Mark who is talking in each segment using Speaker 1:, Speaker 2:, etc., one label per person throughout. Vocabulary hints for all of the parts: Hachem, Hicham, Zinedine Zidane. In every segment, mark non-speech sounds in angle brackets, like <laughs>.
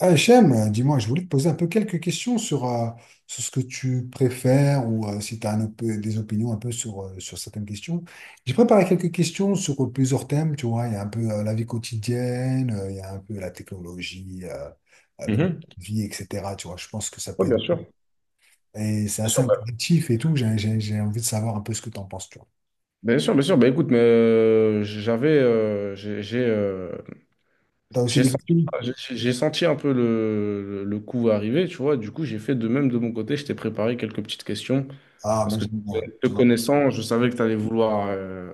Speaker 1: Hachem, dis-moi, je voulais te poser un peu quelques questions sur, sur ce que tu préfères ou si tu as des opinions un peu sur, sur certaines questions. J'ai préparé quelques questions sur plusieurs thèmes, tu vois, il y a un peu la vie quotidienne, il y a un peu la technologie, le mode
Speaker 2: Mhm.
Speaker 1: de vie, etc. Tu vois, je pense que ça peut
Speaker 2: Oui,
Speaker 1: être...
Speaker 2: bien sûr.
Speaker 1: Et c'est
Speaker 2: Bien
Speaker 1: assez
Speaker 2: sûr, bah,
Speaker 1: intuitif et tout, j'ai envie de savoir un peu ce que tu en penses, tu vois.
Speaker 2: bien sûr, bien sûr. Bah, écoute, mais j'avais,
Speaker 1: Tu as aussi
Speaker 2: j'ai
Speaker 1: des
Speaker 2: senti,
Speaker 1: questions?
Speaker 2: j'ai senti un peu le coup arriver, tu vois. Du coup, j'ai fait de même de mon côté. Je t'ai préparé quelques petites questions
Speaker 1: Ah,
Speaker 2: parce
Speaker 1: ben
Speaker 2: que
Speaker 1: j'aime bien,
Speaker 2: te
Speaker 1: tu vois.
Speaker 2: connaissant, je savais que tu allais vouloir,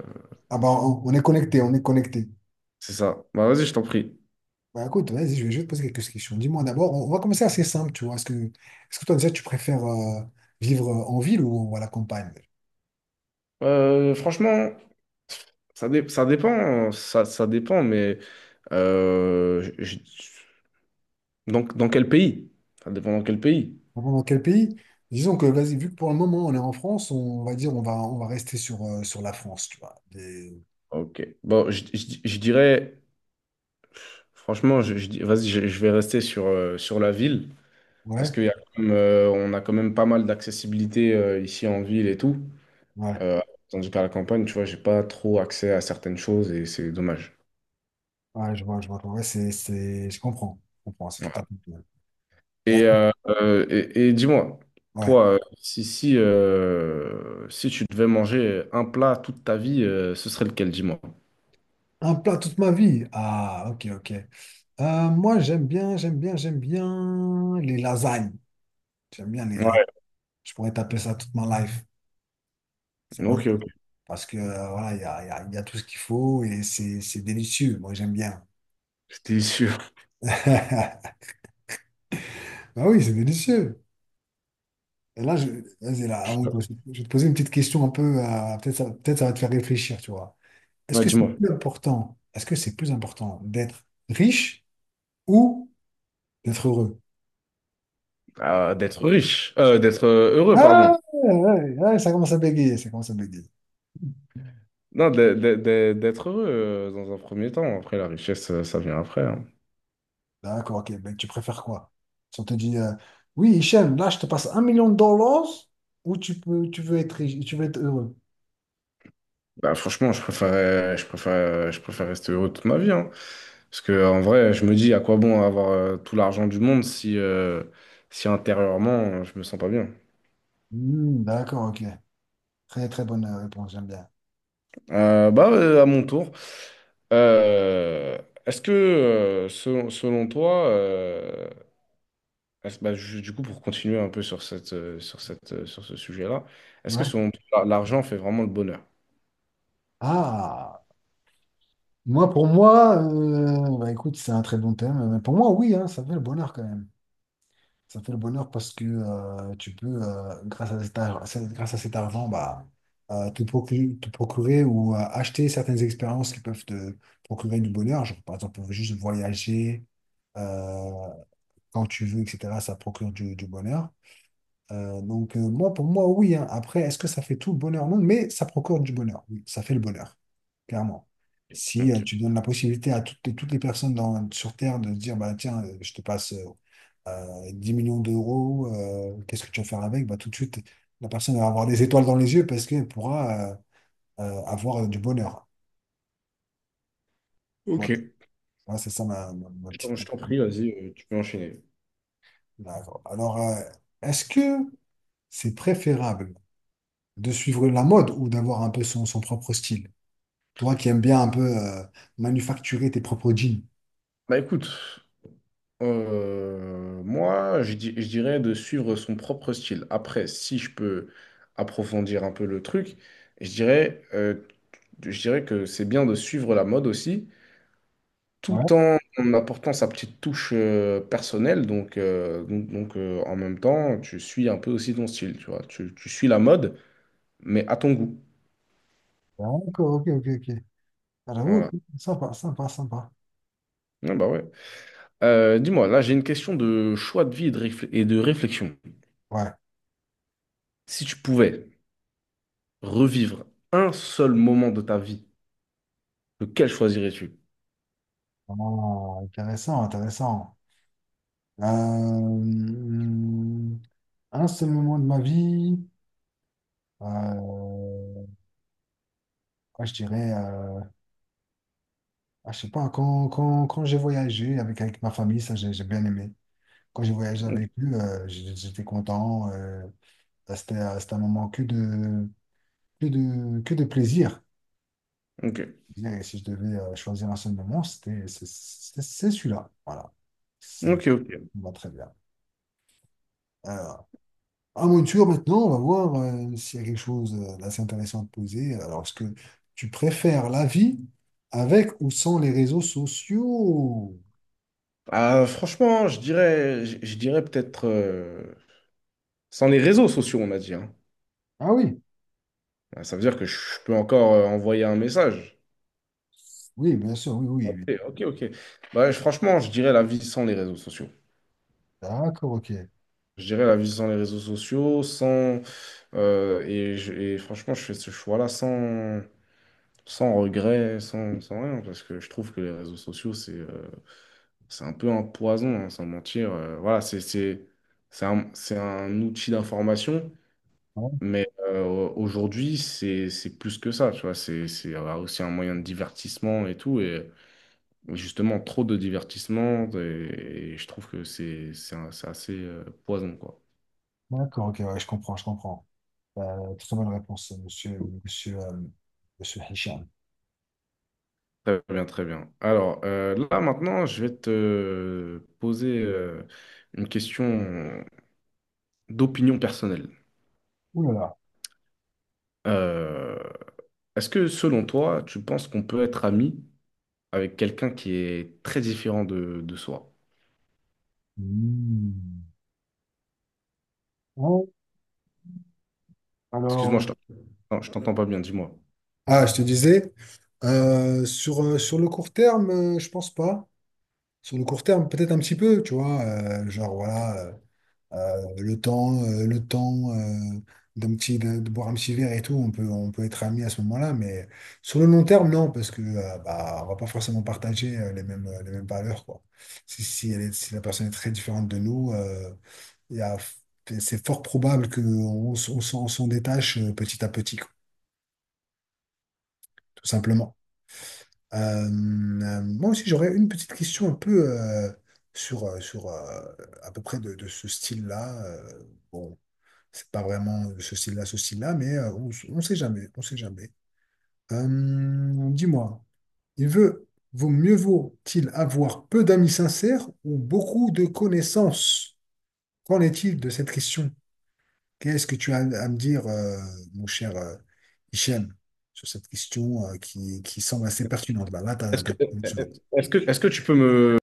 Speaker 1: Ah ben, on est connecté, on est connecté.
Speaker 2: c'est ça. Bah, vas-y, je t'en prie.
Speaker 1: Bah écoute, vas-y, je vais juste poser quelques questions. Dis-moi d'abord, on va commencer assez simple, tu vois. Est-ce que toi déjà tu préfères vivre en ville ou à la campagne?
Speaker 2: Franchement, ça dépend, ça dépend, mais euh, je- je- donc dans quel pays? Ça dépend dans quel pays.
Speaker 1: Vraiment, dans quel pays? Disons que, vas-y, vu que pour le moment on est en France, on va dire on va rester sur, sur la France, tu vois.
Speaker 2: Ok. Bon, je dirais. Franchement, vas-y, je vais rester sur, sur la ville parce
Speaker 1: Ouais,
Speaker 2: qu'il y a quand même, on a quand même pas mal d'accessibilité ici en ville et tout.
Speaker 1: ouais,
Speaker 2: Euh, Tandis qu'à la campagne, tu vois, j'ai pas trop accès à certaines choses et c'est dommage.
Speaker 1: ouais, je vois, je vois. Ouais, c'est... je comprends, c'est tout à
Speaker 2: Voilà.
Speaker 1: fait normal. Ouais, écoute,
Speaker 2: Et dis-moi,
Speaker 1: ouais.
Speaker 2: toi, si tu devais manger un plat toute ta vie, ce serait lequel, dis-moi?
Speaker 1: Un plat toute ma vie. Ah, ok, ok. Moi, j'aime bien les lasagnes. J'aime bien les lasagnes.
Speaker 2: Ouais,
Speaker 1: Je pourrais taper ça toute ma life. C'est pas mal.
Speaker 2: ok, ok,
Speaker 1: Parce que voilà, il y a tout ce qu'il faut et c'est délicieux. Moi, j'aime bien.
Speaker 2: j'étais sûr.
Speaker 1: <laughs> Ah oui, c'est délicieux. Et là, je, vas-y, là, je vais te poser une petite question un peu, peut-être peut-être ça va te faire réfléchir, tu vois.
Speaker 2: Ouais, dis-moi.
Speaker 1: Est-ce que c'est plus important d'être riche ou d'être heureux?
Speaker 2: D'être heureux, pardon.
Speaker 1: Ah, ouais, ça commence à bégayer, ça commence à bégayer.
Speaker 2: Non, d'être heureux dans un premier temps. Après, la richesse, ça vient après, hein.
Speaker 1: D'accord, ok, ben, tu préfères quoi? Si on te dit, oui, Hichem, là, je te passe un million de dollars ou tu veux être riche, tu veux être heureux?
Speaker 2: Bah, franchement, je préfère rester heureux toute ma vie, hein. Parce que, en vrai, je me dis à quoi bon avoir tout l'argent du monde si, si intérieurement, je me sens pas bien.
Speaker 1: Hmm, d'accord, ok. Très, très bonne réponse, j'aime bien.
Speaker 2: Bah, à mon tour. Euh, Est-ce que, selon toi, bah, du coup, pour continuer un peu sur sur ce sujet-là, est-ce que
Speaker 1: Ouais.
Speaker 2: selon toi, l'argent fait vraiment le bonheur?
Speaker 1: Ah, moi, pour moi, bah, écoute, c'est un très bon thème. Mais pour moi, oui, hein, ça fait le bonheur quand même. Ça fait le bonheur parce que tu peux, grâce à cet ar- c'est- grâce à cet argent, te procurer ou acheter certaines expériences qui peuvent te procurer du bonheur. Genre, par exemple, juste voyager euh, quand tu veux, etc. Ça procure du bonheur. Moi, pour moi, oui, hein. Après, est-ce que ça fait tout le bonheur? Non, mais ça procure du bonheur. Oui, ça fait le bonheur, clairement. Si
Speaker 2: Ok.
Speaker 1: tu donnes la possibilité à toutes les personnes sur Terre de se dire, bah, tiens, je te passe 10 millions d'euros, qu'est-ce que tu vas faire avec? Bah, tout de suite, la personne va avoir des étoiles dans les yeux parce qu'elle pourra avoir du bonheur. Voilà,
Speaker 2: Ok.
Speaker 1: moi, c'est ça ma petite.
Speaker 2: Donc, je t'en prie, vas-y, tu peux enchaîner.
Speaker 1: D'accord. Alors, est-ce que c'est préférable de suivre la mode ou d'avoir un peu son propre style? Toi qui aimes bien un peu manufacturer tes propres jeans.
Speaker 2: Bah écoute, moi, je dirais de suivre son propre style. Après, si je peux approfondir un peu le truc, je dirais, euh, je dirais que c'est bien de suivre la mode aussi,
Speaker 1: Ouais,
Speaker 2: tout en apportant sa petite touche personnelle. Donc, en même temps, tu suis un peu aussi ton style, tu vois. Tu suis la mode, mais à ton goût.
Speaker 1: d'accord, ok. Ah, j'avoue, ok,
Speaker 2: Voilà.
Speaker 1: sympa.
Speaker 2: Ah bah ouais. Dis-moi, là, j'ai une question de choix de vie et et de réflexion.
Speaker 1: Ouais,
Speaker 2: Si tu pouvais revivre un seul moment de ta vie, lequel choisirais-tu?
Speaker 1: vraiment intéressant, intéressant. Euh, hum, un seul moment de ma vie, euh, je dirais, je sais pas, quand j'ai voyagé avec, avec ma famille, ça j'ai bien aimé. Quand j'ai voyagé
Speaker 2: Ok,
Speaker 1: avec eux, j'étais content. C'était un moment que de plaisir.
Speaker 2: ok,
Speaker 1: Disais, si je devais choisir un seul moment, c'est celui-là. Voilà. Ça me
Speaker 2: ok, ok.
Speaker 1: va très bien. Alors, à mon tour maintenant, on va voir s'il y a quelque chose d'assez intéressant à te poser. Alors, est-ce que tu préfères la vie avec ou sans les réseaux sociaux?
Speaker 2: Ah, franchement, je dirais peut-être sans les réseaux sociaux, on a dit, hein.
Speaker 1: Ah oui,
Speaker 2: Ah, ça veut dire que je peux encore envoyer un message.
Speaker 1: oui, bien sûr, oui, oui,
Speaker 2: Ok,
Speaker 1: oui.
Speaker 2: ok, ok. Bah, franchement, je dirais la vie sans les réseaux sociaux.
Speaker 1: D'accord, ok.
Speaker 2: Je dirais la vie sans les réseaux sociaux, sans et, et franchement, je fais ce choix-là sans sans regret, sans rien, parce que je trouve que les réseaux sociaux, c'est un peu un poison, hein, sans mentir. Voilà, c'est un outil d'information,
Speaker 1: Ouais,
Speaker 2: mais aujourd'hui, c'est plus que ça, tu vois. C'est, aussi un moyen de divertissement et tout. Et justement, trop de divertissement, et je trouve que c'est assez poison, quoi.
Speaker 1: d'accord, ok, ouais, je comprends, je comprends. Très bonne réponse, monsieur, monsieur, euh, monsieur Hicham.
Speaker 2: Très bien, très bien. Alors, là, maintenant, je vais te poser une question d'opinion personnelle.
Speaker 1: Ouh là là.
Speaker 2: Euh, Est-ce que selon toi, tu penses qu'on peut être ami avec quelqu'un qui est très différent de soi?
Speaker 1: Hmm. Bon,
Speaker 2: Excuse-moi,
Speaker 1: alors,
Speaker 2: je t'entends pas bien, dis-moi.
Speaker 1: ah, je te disais, sur le court terme, je pense pas. Sur le court terme, peut-être un petit peu, tu vois, genre voilà, le temps d'un petit, de boire un petit verre et tout, on peut être amis à ce moment-là, mais sur le long terme, non, parce que bah, on va pas forcément partager les mêmes valeurs, quoi. Si la personne est très différente de nous, il y a- c'est fort probable qu'on on, s- on s'en détache petit à petit, quoi, tout simplement. Euh, moi aussi, j'aurais une petite question un peu sur à peu près de ce style-là. Bon, c'est pas vraiment ce style-là, mais on sait jamais, on sait jamais. Dis-moi, il veut, vaut mieux vaut-il avoir peu d'amis sincères ou beaucoup de connaissances? Qu'en est-il de cette question? Qu'est-ce que tu as à me dire, mon cher Hichem, sur cette question qui semble assez pertinente? Bah, là,
Speaker 2: Est-ce que, est-ce que tu peux me,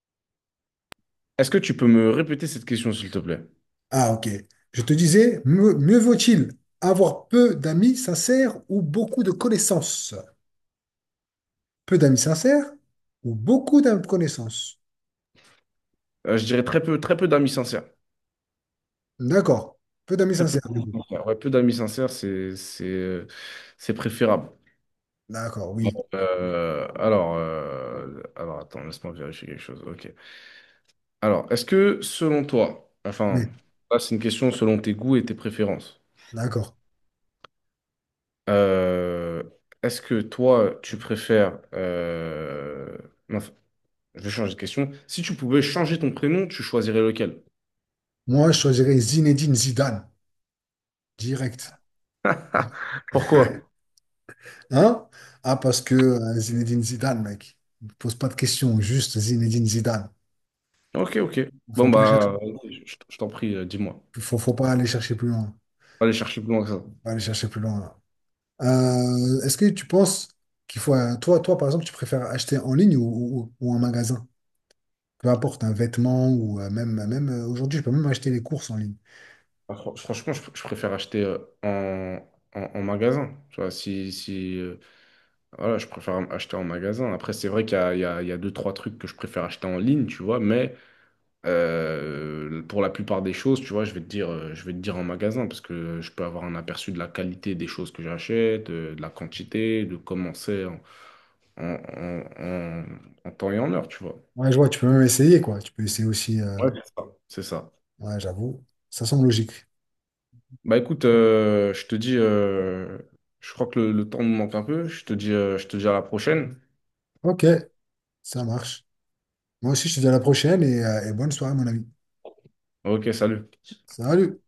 Speaker 2: est-ce que tu peux me répéter cette question, s'il te plaît?
Speaker 1: ah, ok. Je te disais, mieux vaut-il avoir peu d'amis sincères ou beaucoup de connaissances? Peu d'amis sincères ou beaucoup de connaissances?
Speaker 2: Je dirais très peu d'amis sincères.
Speaker 1: D'accord. Peu d'amis
Speaker 2: Très peu
Speaker 1: sincères, du
Speaker 2: d'amis
Speaker 1: coup.
Speaker 2: sincères. Ouais, peu d'amis sincères, c'est préférable.
Speaker 1: D'accord, oui.
Speaker 2: Euh, alors, attends, laisse-moi vérifier quelque chose. Ok. Alors, est-ce que selon toi, enfin,
Speaker 1: Oui,
Speaker 2: là, c'est une question selon tes goûts et tes préférences.
Speaker 1: d'accord.
Speaker 2: Euh, est-ce que toi, tu préfères non, je vais changer de question. Si tu pouvais changer ton prénom, tu choisirais lequel?
Speaker 1: Moi, je choisirais Zinedine Zidane, direct.
Speaker 2: <laughs> Pourquoi?
Speaker 1: <laughs> Hein? Ah, parce que Zinedine Zidane, mec. Ne pose pas de questions, juste Zinedine Zidane.
Speaker 2: Ok, ok.
Speaker 1: Faut
Speaker 2: Bon,
Speaker 1: pas chercher-
Speaker 2: bah, je t'en prie, dis-moi.
Speaker 1: faut
Speaker 2: Faut pas
Speaker 1: pas aller chercher plus loin. Faut
Speaker 2: aller chercher plus loin que ça.
Speaker 1: pas aller chercher plus loin. Est-ce que tu penses qu'il faut, toi, toi, par exemple, tu préfères acheter en ligne ou en magasin? Peu importe, un vêtement ou même aujourd'hui, je peux même acheter les courses en ligne.
Speaker 2: Bah, franchement, je préfère acheter en magasin. Tu vois, si, si, voilà, je préfère acheter en magasin. Après, c'est vrai qu'il y a deux, trois trucs que je préfère acheter en ligne, tu vois, mais pour la plupart des choses, tu vois, je vais te dire en magasin parce que je peux avoir un aperçu de la qualité des choses que j'achète, de la quantité, de comment c'est en, en- en- en- en temps et en heure, tu vois.
Speaker 1: Ouais, je vois, tu peux même essayer, quoi. Tu peux essayer aussi.
Speaker 2: Ouais, c'est ça. C'est ça.
Speaker 1: Ouais, j'avoue, ça semble logique.
Speaker 2: Bah écoute, je te dis, je crois que le temps me manque un peu. Je te dis à la prochaine.
Speaker 1: Ok, ça marche. Moi aussi, je te dis à la prochaine et bonne soirée, mon ami.
Speaker 2: Ok, salut.
Speaker 1: Salut!